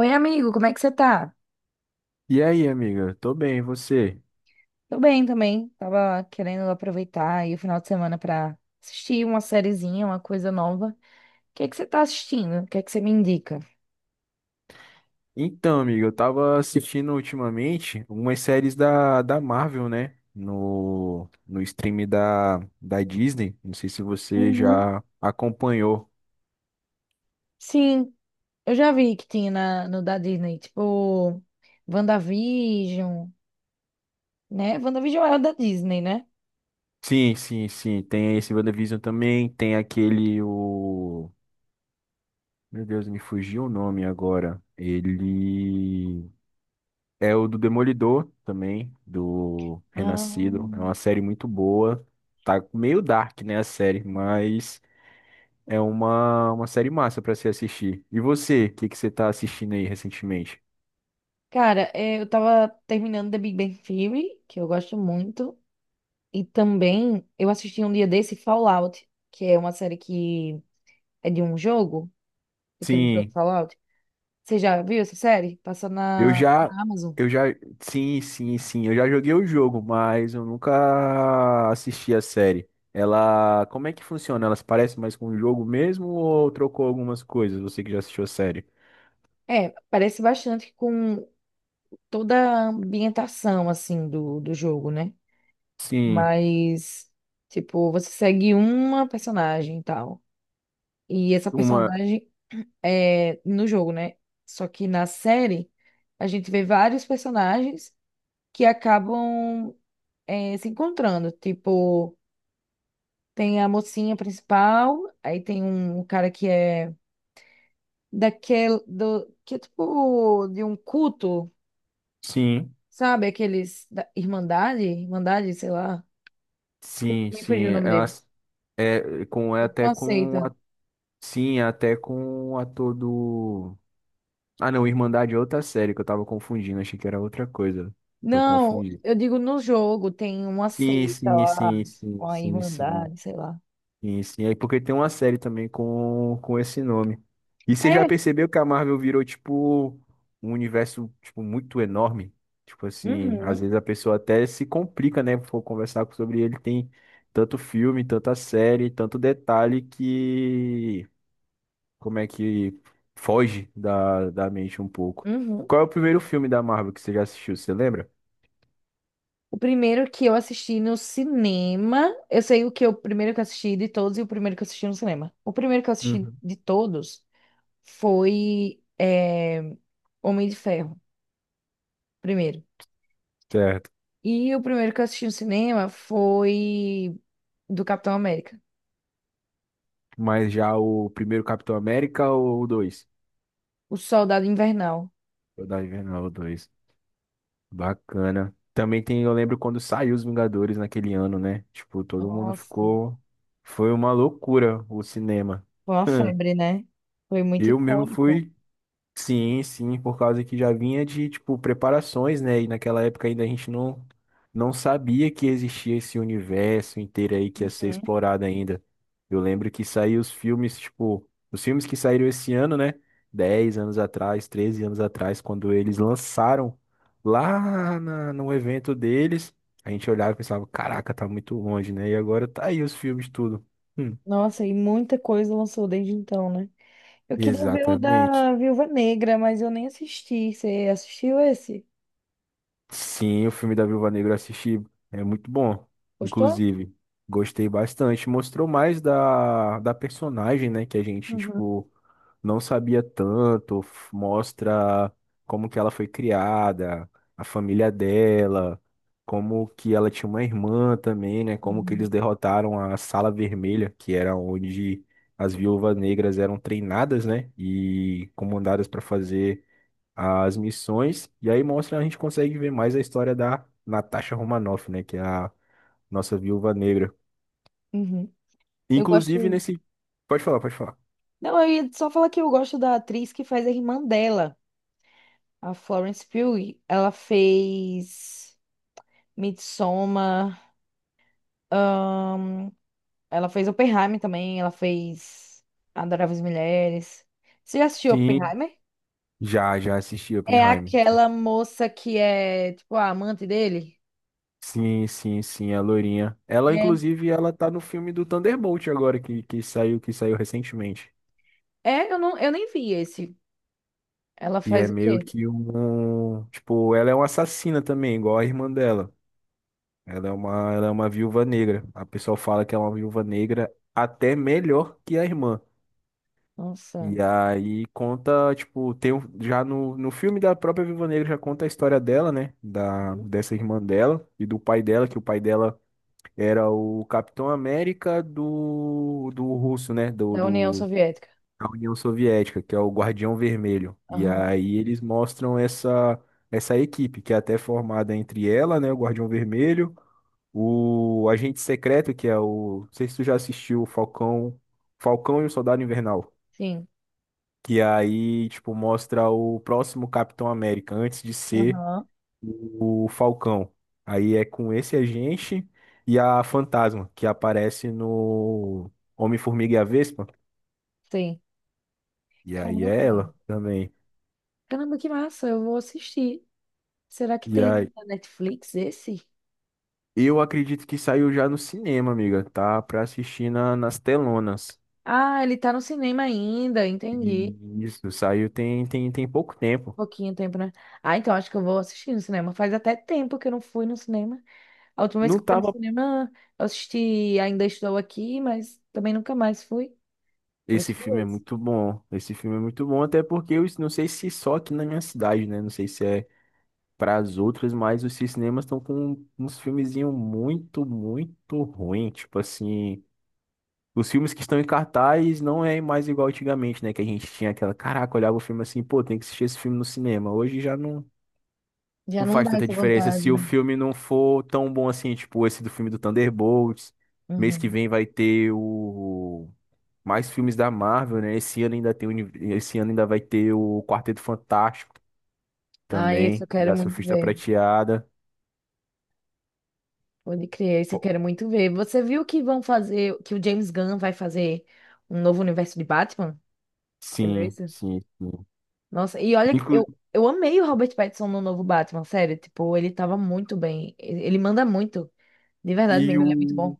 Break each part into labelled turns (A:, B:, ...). A: Oi, amigo, como é que você tá?
B: E aí, amiga? Tô bem, e você?
A: Tô bem também. Tava querendo aproveitar aí o final de semana pra assistir uma sériezinha, uma coisa nova. O que é que você tá assistindo? O que é que você me indica?
B: Então, amiga, eu tava assistindo ultimamente umas séries da Marvel, né? No stream da Disney. Não sei se você
A: Uhum.
B: já acompanhou.
A: Sim, eu já vi que tinha no da Disney, tipo, WandaVision, né? WandaVision é o da Disney, né?
B: Sim, sim, sim. Tem esse WandaVision também. Tem aquele, o... Meu Deus, me fugiu o nome agora. Ele é o do Demolidor também, do
A: Ah,
B: Renascido. É uma série muito boa. Tá meio dark, né, a série, mas... É uma série massa pra se assistir. E você, o que que você tá assistindo aí recentemente?
A: cara, é, eu tava terminando The Big Bang Theory, que eu gosto muito, e também eu assisti um dia desse Fallout, que é uma série que é de um jogo. Aquele jogo
B: Sim,
A: Fallout. Você já viu essa série? Passa
B: eu já,
A: na Amazon.
B: eu já, sim, sim, sim, eu já joguei o jogo, mas eu nunca assisti a série. Ela, como é que funciona? Elas parecem mais com o jogo mesmo ou trocou algumas coisas? Você que já assistiu a série?
A: É, parece bastante com toda a ambientação, assim, do jogo, né?
B: Sim,
A: Mas, tipo, você segue uma personagem e tal. E essa
B: uma,
A: personagem é no jogo, né? Só que na série, a gente vê vários personagens que acabam é, se encontrando. Tipo, tem a mocinha principal, aí tem um cara que é daquele do que é tipo de um culto,
B: sim,
A: sabe? Aqueles da Irmandade, Irmandade, sei lá. Esqueci,
B: sim,
A: me
B: sim,
A: fugiu o nome dele.
B: Elas é com é
A: É tipo
B: até
A: uma
B: com
A: seita.
B: a- sim, é até com o ator do. Ah, não, Irmandade é outra série que eu tava confundindo, achei que era outra coisa. Eu
A: Não,
B: confundi.
A: eu digo no jogo tem uma
B: Sim,
A: seita
B: sim,
A: lá,
B: sim, sim,
A: uma
B: sim, sim,
A: Irmandade, sei lá.
B: sim, sim. É porque tem uma série também com esse nome. E você já
A: É.
B: percebeu que a Marvel virou, tipo, um universo, tipo, muito enorme? Tipo assim, às
A: Uhum,
B: vezes a pessoa até se complica, né? For conversar sobre ele, tem tanto filme, tanta série, tanto detalhe que como é que foge da mente um pouco.
A: uhum.
B: Qual é o primeiro filme da Marvel que você já assistiu? Você lembra?
A: O primeiro que eu assisti no cinema, eu sei o que eu o primeiro que eu assisti de todos e o primeiro que eu assisti no cinema. O primeiro que eu assisti
B: Uhum.
A: de todos foi Homem de Ferro, primeiro.
B: Certo.
A: E o primeiro que eu assisti no cinema foi do Capitão América,
B: Mas já o primeiro Capitão América ou o 2?
A: O Soldado Invernal.
B: O da Invernal, dois. Bacana. Também tem, eu lembro quando saiu os Vingadores naquele ano, né? Tipo, todo mundo
A: Nossa,
B: ficou. Foi uma loucura o cinema.
A: foi uma febre, né? Foi muito
B: Eu mesmo
A: icônico.
B: fui. Sim, sim, por causa que já vinha de, tipo, preparações, né? E naquela época ainda a gente não, não sabia que existia esse universo inteiro aí que ia ser
A: Uhum.
B: explorado ainda. Eu lembro que saíram os filmes, tipo, os filmes que saíram esse ano, né? 10 anos atrás, 13 anos atrás, quando eles lançaram lá no evento deles, a gente olhava e pensava, caraca, tá muito longe, né? E agora tá aí os filmes tudo. Hum,
A: Nossa, e muita coisa lançou desde então, né? Eu queria ver o
B: exatamente.
A: da Viúva Negra, mas eu nem assisti. Você assistiu esse?
B: Sim, o filme da Viúva Negra eu assisti. É muito bom,
A: Gostou?
B: inclusive. Gostei bastante. Mostrou mais da personagem, né? Que a gente,
A: Uhum.
B: tipo, não sabia tanto. Mostra como que ela foi criada, a família dela, como que ela tinha uma irmã também, né? Como que eles
A: Uhum.
B: derrotaram a Sala Vermelha, que era onde as viúvas negras eram treinadas, né? E comandadas para fazer as missões, e aí mostra, a gente consegue ver mais a história da Natasha Romanoff, né, que é a nossa viúva negra.
A: Uhum. Eu
B: Inclusive
A: gosto.
B: nesse... Pode falar, pode falar.
A: Não, eu ia só falar que eu gosto da atriz que faz a irmã dela, a Florence Pugh. Ela fez. Midsommar. ahn, ela fez Oppenheimer também. Ela fez Adoráveis Mulheres. Você já assistiu
B: Sim,
A: Oppenheimer?
B: já assisti
A: É
B: Oppenheimer.
A: aquela moça que é, tipo, a amante dele?
B: Sim, sim, sim, a loirinha. Ela,
A: É.
B: inclusive, ela tá no filme do Thunderbolt agora, que saiu recentemente.
A: É, eu, não, eu nem vi esse. Ela
B: Que é
A: faz o
B: meio
A: quê?
B: que um... Tipo, ela é uma assassina também, igual a irmã dela. Ela é uma viúva negra. A pessoa fala que é uma viúva negra até melhor que a irmã.
A: Nossa.
B: E aí conta, tipo, já no filme da própria Viúva Negra já conta a história dela, né? Da,
A: Uhum.
B: dessa irmã dela e do pai dela, que o pai dela era o Capitão América do russo, né? Do,
A: Da União
B: do,
A: Soviética.
B: da União Soviética, que é o Guardião Vermelho. E
A: Aham.
B: aí eles mostram essa equipe, que é até formada entre ela, né? O Guardião Vermelho, o Agente Secreto, que é o. Não sei se tu já assistiu o Falcão e o Soldado Invernal.
A: Sim.
B: Que aí, tipo, mostra o próximo Capitão América, antes de ser
A: Aham.
B: o Falcão. Aí é com esse agente e a Fantasma, que aparece no Homem-Formiga e a Vespa.
A: Sim.
B: E aí
A: Caramba.
B: é ela também.
A: Caramba, que massa. Eu vou assistir. Será que
B: E
A: tem
B: aí,
A: na Netflix esse?
B: eu acredito que saiu já no cinema, amiga, tá? Pra assistir nas telonas.
A: Ah, ele tá no cinema ainda. Entendi.
B: E isso, saiu tem pouco tempo.
A: Pouquinho tempo, né? Ah, então acho que eu vou assistir no cinema. Faz até tempo que eu não fui no cinema. A última vez que
B: Não
A: eu fui no
B: tava.
A: cinema, eu assisti Ainda Estou Aqui, mas também nunca mais fui. Eu
B: Esse
A: assisti
B: filme é
A: esse.
B: muito bom. Esse filme é muito bom, até porque eu não sei se só aqui na minha cidade, né? Não sei se é para as outras, mas os cinemas estão com uns filmezinhos muito, muito ruim. Tipo assim, os filmes que estão em cartaz não é mais igual antigamente, né? Que a gente tinha aquela, caraca, olhava o filme assim, pô, tem que assistir esse filme no cinema. Hoje já não,
A: Já
B: não
A: não
B: faz
A: dá
B: tanta
A: essa
B: diferença
A: vontade,
B: se o
A: né?
B: filme não for tão bom assim, tipo esse do filme do Thunderbolts. Mês que
A: Uhum.
B: vem vai ter o mais filmes da Marvel, né? Esse ano ainda vai ter o Quarteto Fantástico
A: Ah, isso
B: também,
A: eu
B: e
A: quero
B: a
A: muito
B: Surfista
A: ver.
B: Prateada.
A: Pode crer, isso eu quero muito ver. Você viu que vão fazer, que o James Gunn vai fazer um novo universo de Batman? Você viu
B: Sim,
A: isso?
B: sim, sim.
A: Nossa, e olha, que
B: Inclu-
A: eu amei o Robert Pattinson no novo Batman, sério. Tipo, ele tava muito bem. Ele manda muito. De verdade
B: e
A: mesmo, ele é muito
B: o,
A: bom.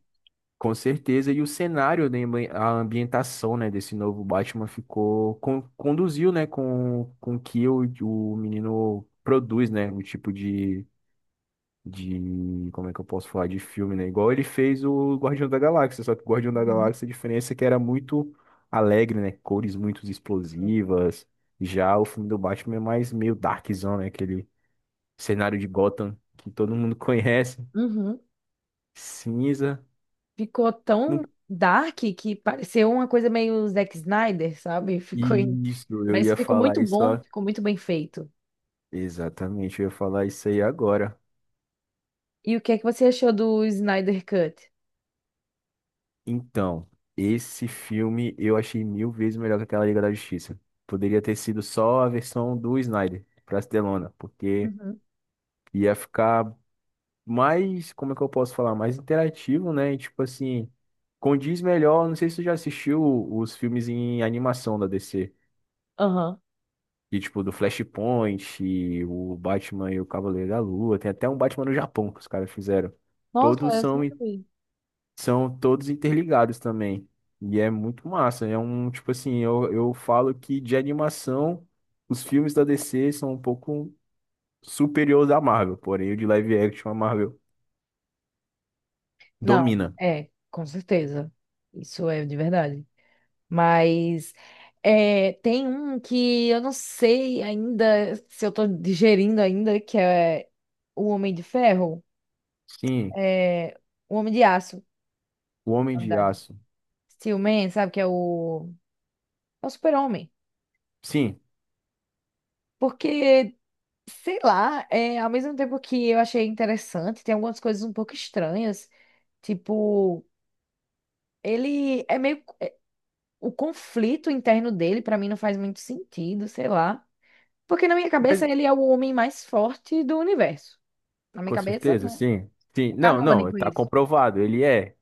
B: com certeza, e o cenário, né, a ambientação, né, desse novo Batman ficou, conduziu, né, com que o menino produz, né, o tipo de, como é que eu posso falar, de filme, né, igual ele fez o Guardião da Galáxia, só que o Guardião da
A: Uhum.
B: Galáxia, a diferença é que era muito alegre, né, cores muito explosivas, já o filme do Batman é mais meio darkzão, né, aquele cenário de Gotham que todo mundo conhece,
A: Uhum.
B: cinza.
A: Ficou tão
B: Um-
A: dark que pareceu uma coisa meio Zack Snyder, sabe? Ficou em-
B: Isso, eu
A: mas
B: ia
A: ficou
B: falar
A: muito
B: isso.
A: bom,
B: Ó.
A: ficou muito bem feito.
B: Exatamente, eu ia falar isso aí agora.
A: E o que é que você achou do Snyder Cut?
B: Então, esse filme eu achei mil vezes melhor que aquela Liga da Justiça. Poderia ter sido só a versão do Snyder pra Delona, porque
A: Uhum.
B: ia ficar mais, como é que eu posso falar, mais interativo, né? E, tipo assim, condiz melhor. Não sei se tu já assistiu os filmes em animação da DC.
A: Aham.
B: E, tipo, do Flashpoint, e o Batman e o Cavaleiro da Lua. Tem até um Batman no Japão que os caras fizeram.
A: Nossa,
B: Todos
A: essa eu
B: são,
A: nunca
B: in-
A: vi.
B: São todos interligados também. E é muito massa. É um, tipo assim, eu falo que de animação, os filmes da DC são um pouco superiores à Marvel. Porém, o de live action, a Marvel
A: Não,
B: domina.
A: é, com certeza. Isso é de verdade. Mas é, tem um que eu não sei ainda se eu tô digerindo ainda, que é o Homem de Ferro.
B: Sim,
A: É, o Homem de Aço.
B: o Homem
A: Na
B: de
A: verdade.
B: Aço.
A: Steel Man, sabe? Que é o, é o super-homem.
B: Sim,
A: Porque, sei lá, é, ao mesmo tempo que eu achei interessante, tem algumas coisas um pouco estranhas. Tipo, ele é meio. O conflito interno dele, pra mim, não faz muito sentido, sei lá. Porque na minha
B: mas
A: cabeça ele é o homem mais forte do universo. Na minha
B: com
A: cabeça,
B: certeza,
A: né?
B: sim. Sim,
A: É
B: não, não,
A: canônico
B: tá
A: isso.
B: comprovado. Ele é.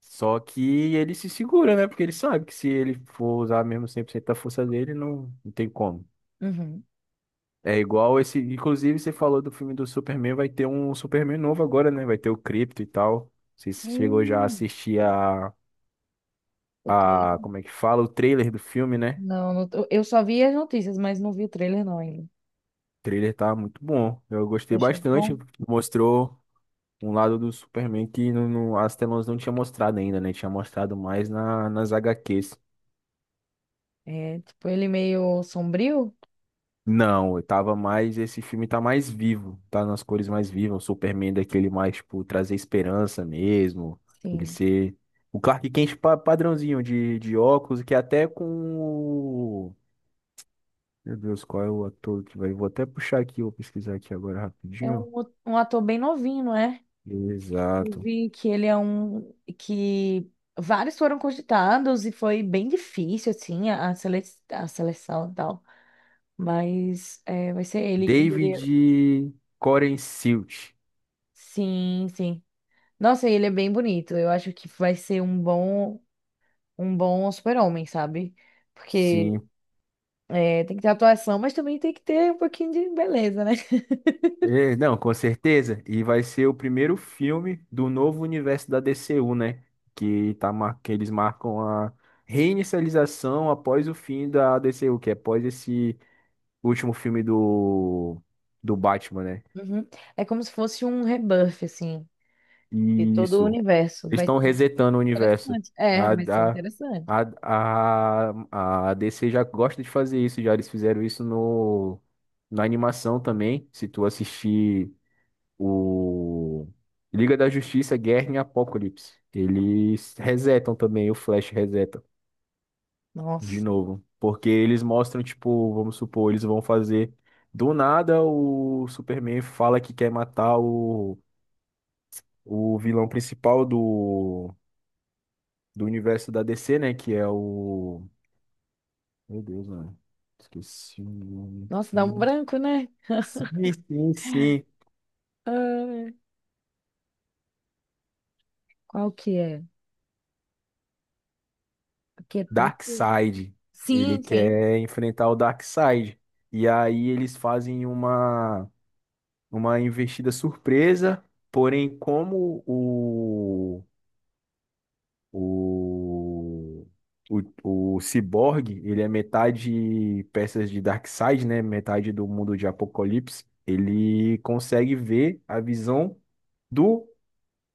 B: Só que ele se segura, né? Porque ele sabe que se ele for usar mesmo 100% da força dele, não, não tem como.
A: Uhum.
B: É igual esse. Inclusive, você falou do filme do Superman, vai ter um Superman novo agora, né? Vai ter o Krypto e tal. Você chegou já a
A: Hum,
B: assistir a,
A: o
B: a.
A: trailer.
B: Como é que fala? O trailer do filme, né?
A: Não, não tô- eu só vi as notícias, mas não vi o trailer não ainda.
B: O trailer tá muito bom. Eu
A: Eu
B: gostei
A: achei
B: bastante.
A: bom.
B: Mostrou um lado do Superman que as telas não tinha mostrado ainda, né? Tinha mostrado mais nas HQs.
A: É, tipo, ele meio sombrio.
B: Não, eu tava mais. Esse filme tá mais vivo, tá nas cores mais vivas. O Superman é daquele mais, tipo, trazer esperança mesmo. Ele
A: Sim.
B: ser. O Clark Kent padrãozinho de óculos, que até com. o- Meu Deus, qual é o ator que vai. Vou até puxar aqui, vou pesquisar aqui agora
A: É
B: rapidinho.
A: um, um ator bem novinho, não é? Eu
B: Exato.
A: vi que ele é um que vários foram cogitados e foi bem difícil assim a sele- a seleção e tal. Mas é, vai ser ele. E ele- é,
B: David Copperfield.
A: sim, sim. Nossa, ele é bem bonito. Eu acho que vai ser um bom super-homem, sabe? Porque
B: Sim,
A: é, tem que ter atuação, mas também tem que ter um pouquinho de beleza, né?
B: é, não, com certeza. E vai ser o primeiro filme do novo universo da DCU, né? Que, tá, que eles marcam a reinicialização após o fim da DCU, que é após esse último filme do Batman, né?
A: Uhum. É como se fosse um rebuff, assim. De
B: E
A: todo o
B: isso.
A: universo.
B: Eles
A: Vai
B: estão
A: ser
B: resetando o universo.
A: interessante. É,
B: A,
A: vai ser interessante.
B: a, a, a DC já gosta de fazer isso, já eles fizeram isso na animação também. Se tu assistir. O Liga da Justiça, Guerra em Apocalipse. Eles resetam também, o Flash reseta de
A: Nossa,
B: novo. Porque eles mostram, tipo, vamos supor, eles vão fazer. Do nada, o Superman fala que quer matar o vilão principal do universo da DC, né? Que é o. Meu Deus, mano. Esqueci o nome.
A: nossa, dá um
B: Aqui.
A: branco, né?
B: Sim, sim, sim.
A: Ah, qual que é? Aqui é tanto.
B: Darkseid. Ele
A: Sim, sim,
B: quer enfrentar o Darkseid. E aí eles fazem uma investida surpresa, porém, como o, o Cyborg, ele é metade peças de Darkseid, né? Metade do mundo de Apocalipse. Ele consegue ver a visão do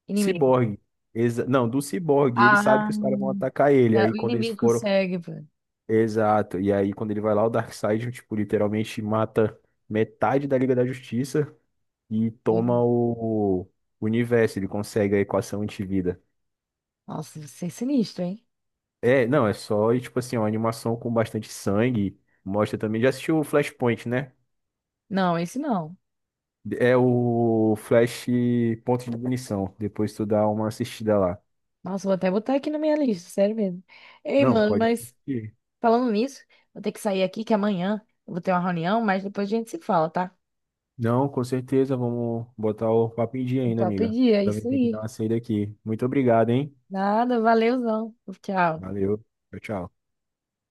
A: inimigo.
B: Cyborg. Não, do Cyborg. Ele sabe
A: Ah,
B: que os caras vão atacar ele.
A: é,
B: Aí
A: o
B: quando eles
A: inimigo
B: foram.
A: consegue, velho.
B: Exato. E aí, quando ele vai lá, o Darkseid, tipo, literalmente mata metade da Liga da Justiça e
A: Do-
B: toma o universo. Ele consegue a equação antivida.
A: nossa, você é sinistro, hein?
B: É, não, é só, e, tipo assim, uma animação com bastante sangue. Mostra também. Já assistiu o Flashpoint, né?
A: Não, esse não.
B: É o Flash Ponto de Ignição. Depois tu dá uma assistida lá.
A: Nossa, vou até botar aqui na minha lista, sério mesmo. Ei,
B: Não,
A: mano,
B: pode
A: mas
B: assistir.
A: falando nisso, vou ter que sair aqui que amanhã eu vou ter uma reunião, mas depois a gente se fala, tá?
B: Não, com certeza. Vamos botar o papo em dia
A: O
B: ainda,
A: papo de
B: amiga.
A: dia, é
B: Também
A: isso
B: tem que dar
A: aí.
B: uma saída aqui. Muito obrigado, hein?
A: Nada, valeuzão. Tchau.
B: Valeu. Tchau, tchau.